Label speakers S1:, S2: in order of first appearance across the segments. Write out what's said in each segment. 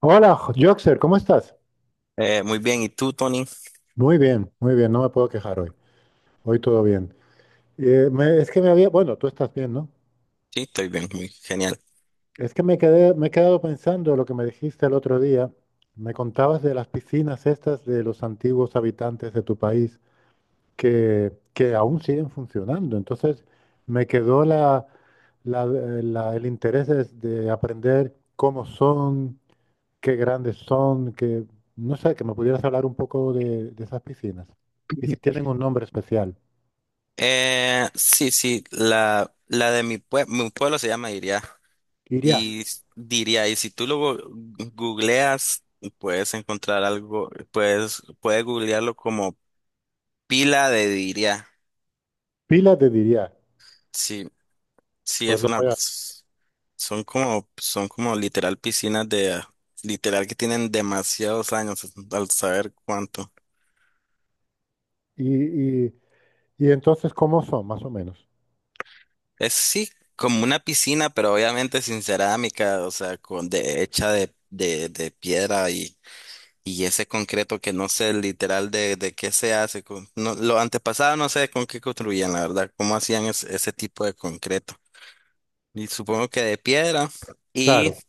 S1: Hola, Joxer, ¿cómo estás?
S2: Muy bien, ¿y tú, Tony?
S1: Muy bien, no me puedo quejar hoy. Hoy todo bien. Es que me había, bueno, tú estás bien, ¿no?
S2: Sí, estoy bien, muy genial.
S1: Es que me he quedado pensando lo que me dijiste el otro día. Me contabas de las piscinas estas de los antiguos habitantes de tu país que aún siguen funcionando. Entonces, me quedó el interés de aprender cómo son, qué grandes son, que no sé, que me pudieras hablar un poco de esas piscinas. Y si tienen un nombre especial.
S2: Sí, la de mi, mi pueblo se llama Iria.
S1: Iria,
S2: Y diría, y si tú lo googleas, puedes encontrar algo, puedes, puedes googlearlo como pila de Diria.
S1: pila de Diria.
S2: Sí, sí,
S1: Pues
S2: es
S1: lo
S2: una,
S1: voy a...
S2: pues, son como literal piscinas de, literal que tienen demasiados años, al saber cuánto.
S1: Y, y, y entonces, ¿cómo son, más o menos?
S2: Es sí, como una piscina, pero obviamente sin cerámica, o sea, con de, hecha de, de piedra y ese concreto que no sé literal de qué se hace. Con, no, lo antepasado no sé con qué construían, la verdad, cómo hacían ese tipo de concreto. Y supongo que de piedra y,
S1: Claro,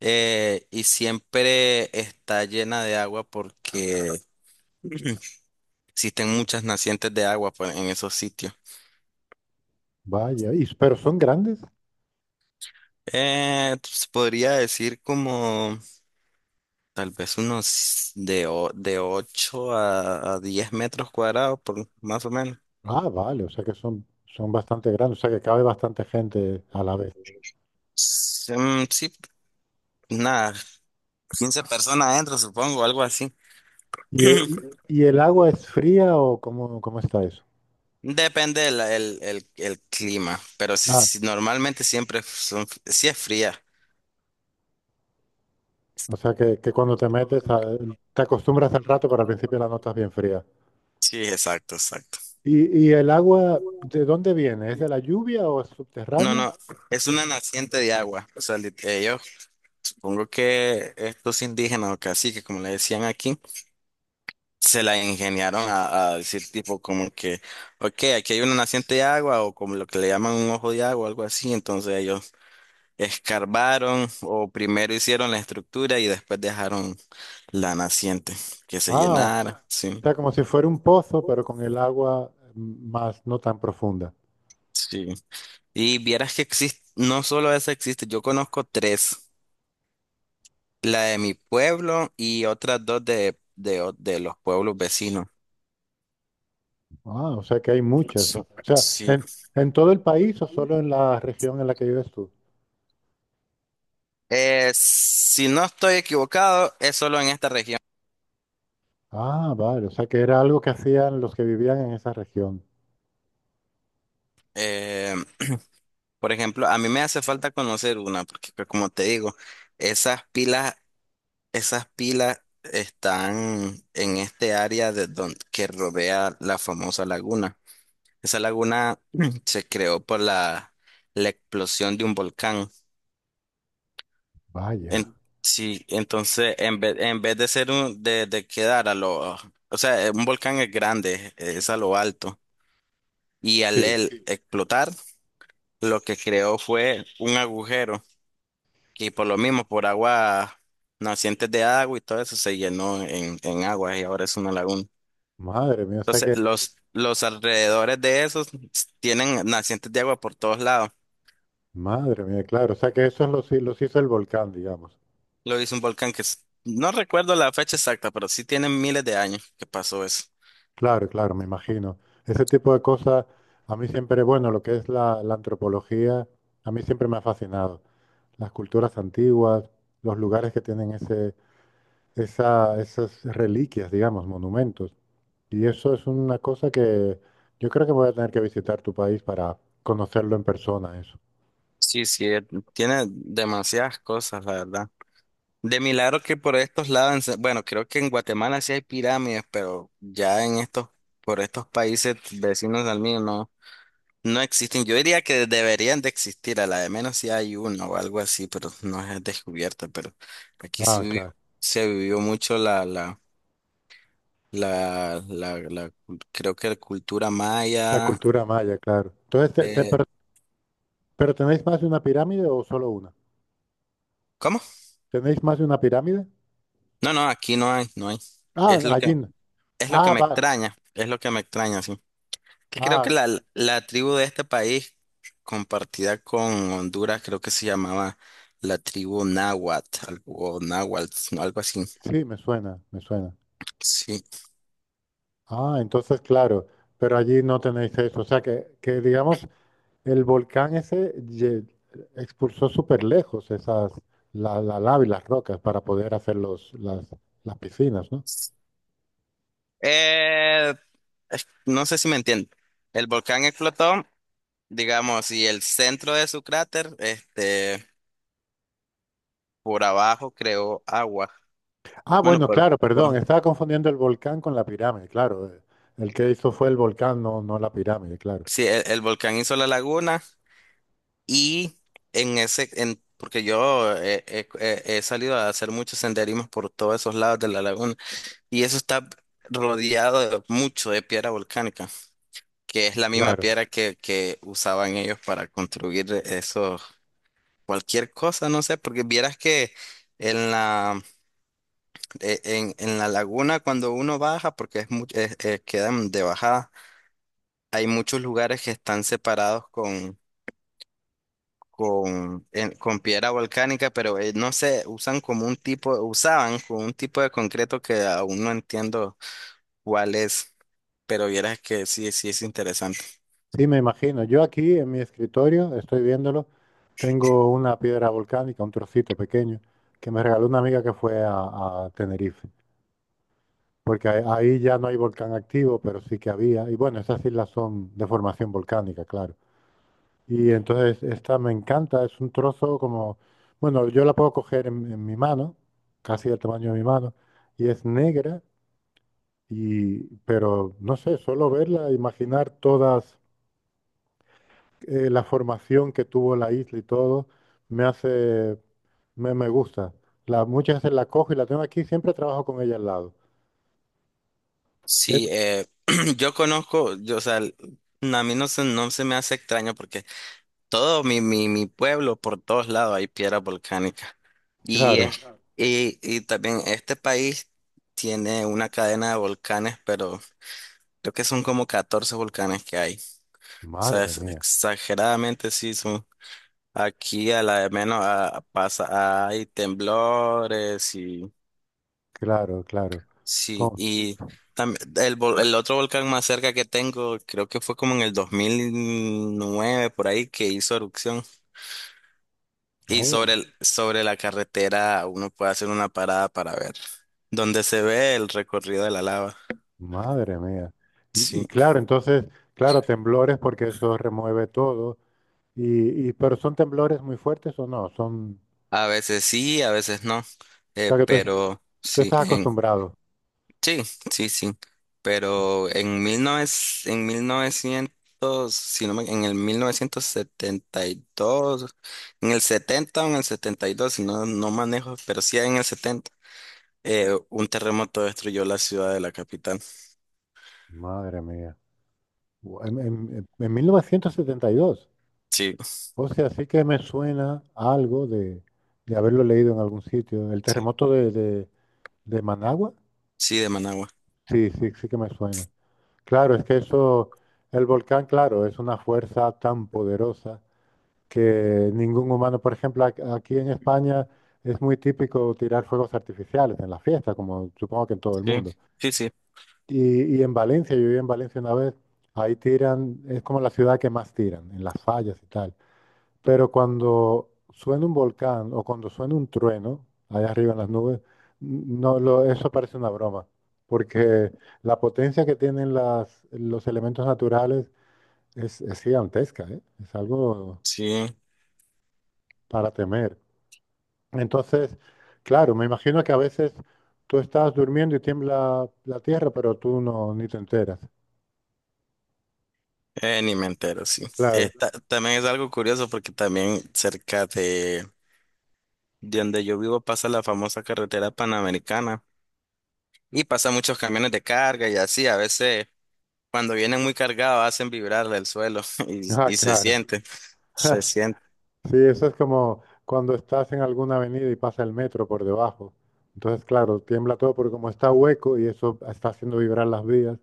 S2: y siempre está llena de agua porque existen muchas nacientes de agua pues, en esos sitios.
S1: vaya. Y, pero son grandes.
S2: Se podría decir como... Tal vez unos de, de 8 a 10 metros cuadrados, por, más o menos.
S1: Ah, vale, o sea que son, son bastante grandes, o sea que cabe bastante gente a la vez.
S2: Sí, mm, sí, nada, 15 personas adentro, supongo, algo así.
S1: ¿ Y el agua es fría o cómo, cómo está eso?
S2: Depende el, el clima, pero si,
S1: Ah,
S2: si normalmente siempre son, si es fría.
S1: o sea que cuando te te acostumbras al rato, pero al principio la notas bien fría.
S2: Sí, exacto, exacto.
S1: Y el agua de dónde viene? ¿Es de la lluvia o es
S2: No,
S1: subterránea?
S2: no, es una naciente de agua. O sea, yo supongo que estos indígenas o caciques, como le decían aquí, se la ingeniaron a decir tipo como que, ok, aquí hay una naciente de agua o como lo que le llaman un ojo de agua, algo así. Entonces ellos escarbaron o primero hicieron la estructura y después dejaron la naciente que se
S1: Ah, o
S2: llenara. Sí,
S1: sea, como si fuera un pozo, pero con el agua más no tan profunda.
S2: sí. Y vieras que existe, no solo esa existe, yo conozco tres, la de mi pueblo y otras dos de los pueblos vecinos.
S1: Ah, o sea que hay
S2: Ok.
S1: muchas. O
S2: Sí.
S1: sea,
S2: Sí.
S1: ¿ en todo el país o solo en la región en la que vives tú?
S2: Si no estoy equivocado, es solo en esta región.
S1: Ah, vale, o sea que era algo que hacían los que vivían en esa región.
S2: Eh, por ejemplo, a mí me hace falta conocer una, porque pues, como te digo, esas pilas, esas pilas están en este área de que rodea la famosa laguna. Esa laguna se creó por la, la explosión de un volcán.
S1: Vaya.
S2: En- sí, entonces en vez de ser un, de quedar a lo, o sea, un volcán es grande, es a lo alto, y al
S1: Sí,
S2: él explotar, lo que creó fue un agujero. Y por lo mismo, por agua, nacientes de agua y todo eso se llenó en agua y ahora es una laguna.
S1: madre mía, o sea
S2: Entonces,
S1: que,
S2: los alrededores de esos tienen nacientes de agua por todos lados.
S1: madre mía, claro, o sea que eso los hizo el volcán, digamos.
S2: Lo hizo un volcán que no recuerdo la fecha exacta, pero sí tiene miles de años que pasó eso.
S1: Claro, claro, me imagino. Ese tipo de cosas, a mí siempre, bueno, lo que es la antropología, a mí siempre me ha fascinado. Las culturas antiguas, los lugares que tienen esas reliquias, digamos, monumentos. Y eso es una cosa que yo creo que voy a tener que visitar tu país para conocerlo en persona, eso.
S2: Sí, sí, tiene demasiadas cosas, la verdad. De milagro que por estos lados, en bueno, creo que en Guatemala sí hay pirámides, pero ya en estos, por estos países vecinos al mío, no. No existen, yo diría que deberían de existir, a la de menos si hay uno o algo así, pero no es descubierta, pero aquí
S1: Ah, claro.
S2: se vivió mucho la creo que la cultura
S1: La
S2: maya,
S1: cultura maya, claro. Entonces,
S2: eh,
S1: pero ¿tenéis más de una pirámide o solo una?
S2: ¿cómo?
S1: ¿Tenéis más de una pirámide?
S2: No, no, aquí no hay, no hay,
S1: Ah,
S2: es lo
S1: allí.
S2: que,
S1: No.
S2: es lo que
S1: Ah,
S2: me
S1: va.
S2: extraña, es lo que me extraña, sí, que creo que
S1: Ah,
S2: la tribu de este país, compartida con Honduras, creo que se llamaba la tribu náhuatl, o náhuatl, algo así,
S1: sí, me suena, me suena.
S2: sí.
S1: Ah, entonces, claro, pero allí no tenéis eso. O sea, que digamos, el expulsó súper lejos esas, la lava y las rocas para poder hacer las piscinas, ¿no?
S2: Eh, no sé si me entiendo. El volcán explotó, digamos, y el centro de su cráter, este, por abajo creó agua.
S1: Ah,
S2: Bueno,
S1: bueno, claro, perdón,
S2: por,
S1: estaba confundiendo el volcán con la pirámide, claro. El que hizo fue el volcán, no, no la pirámide, claro.
S2: sí, el volcán hizo la laguna y en ese, en, porque yo he salido a hacer muchos senderismos por todos esos lados de la laguna y eso está rodeado de mucho de piedra volcánica, que es la misma
S1: Claro.
S2: piedra que usaban ellos para construir eso. Cualquier cosa, no sé, porque vieras que en la, en la laguna cuando uno baja, porque es mucho, quedan de bajada, hay muchos lugares que están separados con, con piedra volcánica, pero no sé, usan como un tipo, usaban como un tipo de concreto que aún no entiendo cuál es, pero vieras que sí, sí es interesante.
S1: Sí, me imagino. Yo aquí en mi escritorio, estoy viéndolo, tengo una piedra volcánica, un trocito pequeño, que me regaló una amiga que fue a Tenerife, porque ahí ya no hay volcán activo, pero sí que había. Y bueno, esas islas son de formación volcánica, claro. Y entonces esta me encanta, es un trozo como, bueno, yo la puedo coger en mi mano, casi del tamaño de mi mano, y es negra, y, pero no sé, solo verla, imaginar todas la formación que tuvo la isla y todo, me hace, me gusta. La, muchas veces la cojo y la tengo aquí, siempre trabajo con ella al lado. Eh,
S2: Sí, yo conozco, yo, o sea, a mí no se, no se me hace extraño porque todo mi, mi pueblo, por todos lados hay piedras volcánicas. Y,
S1: Claro,
S2: es, y también este país tiene una cadena de volcanes, pero creo que son como 14 volcanes que hay. O sea,
S1: madre
S2: es
S1: mía,
S2: exageradamente sí son. Aquí a la de menos ah, pasa, hay temblores y
S1: claro, claro.
S2: sí.
S1: Con-
S2: Y también el, el otro volcán más cerca que tengo, creo que fue como en el 2009 por ahí, que hizo erupción. Y sobre
S1: oh,
S2: sobre la carretera uno puede hacer una parada para ver dónde se ve el recorrido de la lava.
S1: madre mía. Y,
S2: Sí,
S1: y claro, entonces, claro, temblores porque eso remueve todo. Pero ¿son temblores muy fuertes o no? Son,
S2: sí, a veces no.
S1: o sea que
S2: Pero
S1: tú
S2: sí,
S1: estás
S2: en,
S1: acostumbrado.
S2: sí, sí, sí. Pero en 1900, en 1900 si no en el 1972, en el 70 o en el 72, no, no manejo, pero sí en el 70 un terremoto destruyó la ciudad de la capital.
S1: Madre mía. En 1972
S2: Sí,
S1: o sea, sí que me suena a algo de haberlo leído en algún sitio. El
S2: sí,
S1: terremoto de Managua,
S2: sí, de Managua.
S1: sí, sí, sí que me suena. Claro, es que eso, el volcán, claro, es una fuerza tan poderosa que ningún humano, por ejemplo, aquí en España es muy típico tirar fuegos artificiales en la fiesta, como supongo que en todo el mundo.
S2: Sí, sí.
S1: Y en Valencia, yo viví en Valencia una vez, ahí tiran, es como la ciudad que más tiran, en las fallas y tal. Pero cuando suena un volcán o cuando suena un trueno allá arriba en las nubes, n- no lo, eso parece una broma, porque la potencia que tienen los elementos naturales es gigantesca, ¿eh? Es algo
S2: Sí,
S1: para temer. Entonces, claro, me imagino que a veces tú estás durmiendo y tiembla la tierra, pero tú no ni te enteras.
S2: ni me entero, sí.
S1: Claro,
S2: Esta, también es algo curioso porque también cerca de donde yo vivo pasa la famosa carretera panamericana y pasa muchos camiones de carga y así. A veces cuando vienen muy cargados hacen vibrar el suelo
S1: ah,
S2: y se
S1: claro.
S2: siente, se siente.
S1: Sí, eso es como cuando estás en alguna avenida y pasa el metro por debajo. Entonces, claro, tiembla todo porque como está hueco y eso está haciendo vibrar las vías.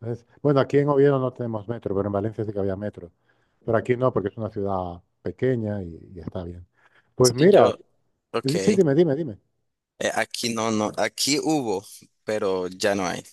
S1: Entonces, bueno, aquí en Oviedo no tenemos metro, pero en Valencia sí que había metro. Pero aquí no, porque es una ciudad pequeña y está bien. Pues
S2: Sí, yo,
S1: mira,
S2: ok,
S1: sí, sí, dime, dime, dime.
S2: aquí no, no, aquí hubo, pero ya no hay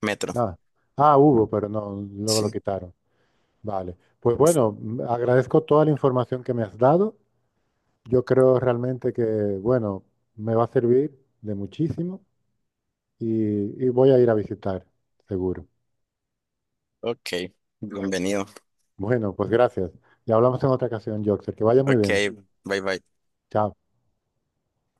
S2: metro.
S1: Nada. Ah, hubo, pero no, luego lo
S2: Sí,
S1: quitaron. Vale. Pues bueno, agradezco toda la información que me has dado. Yo creo realmente que, bueno, me va a servir de muchísimo. Y voy a ir a visitar, seguro.
S2: ok, bienvenido.
S1: Bueno, pues gracias. Y hablamos en otra ocasión, Joxer. Que vaya muy
S2: Ok,
S1: bien.
S2: bye bye.
S1: Chao.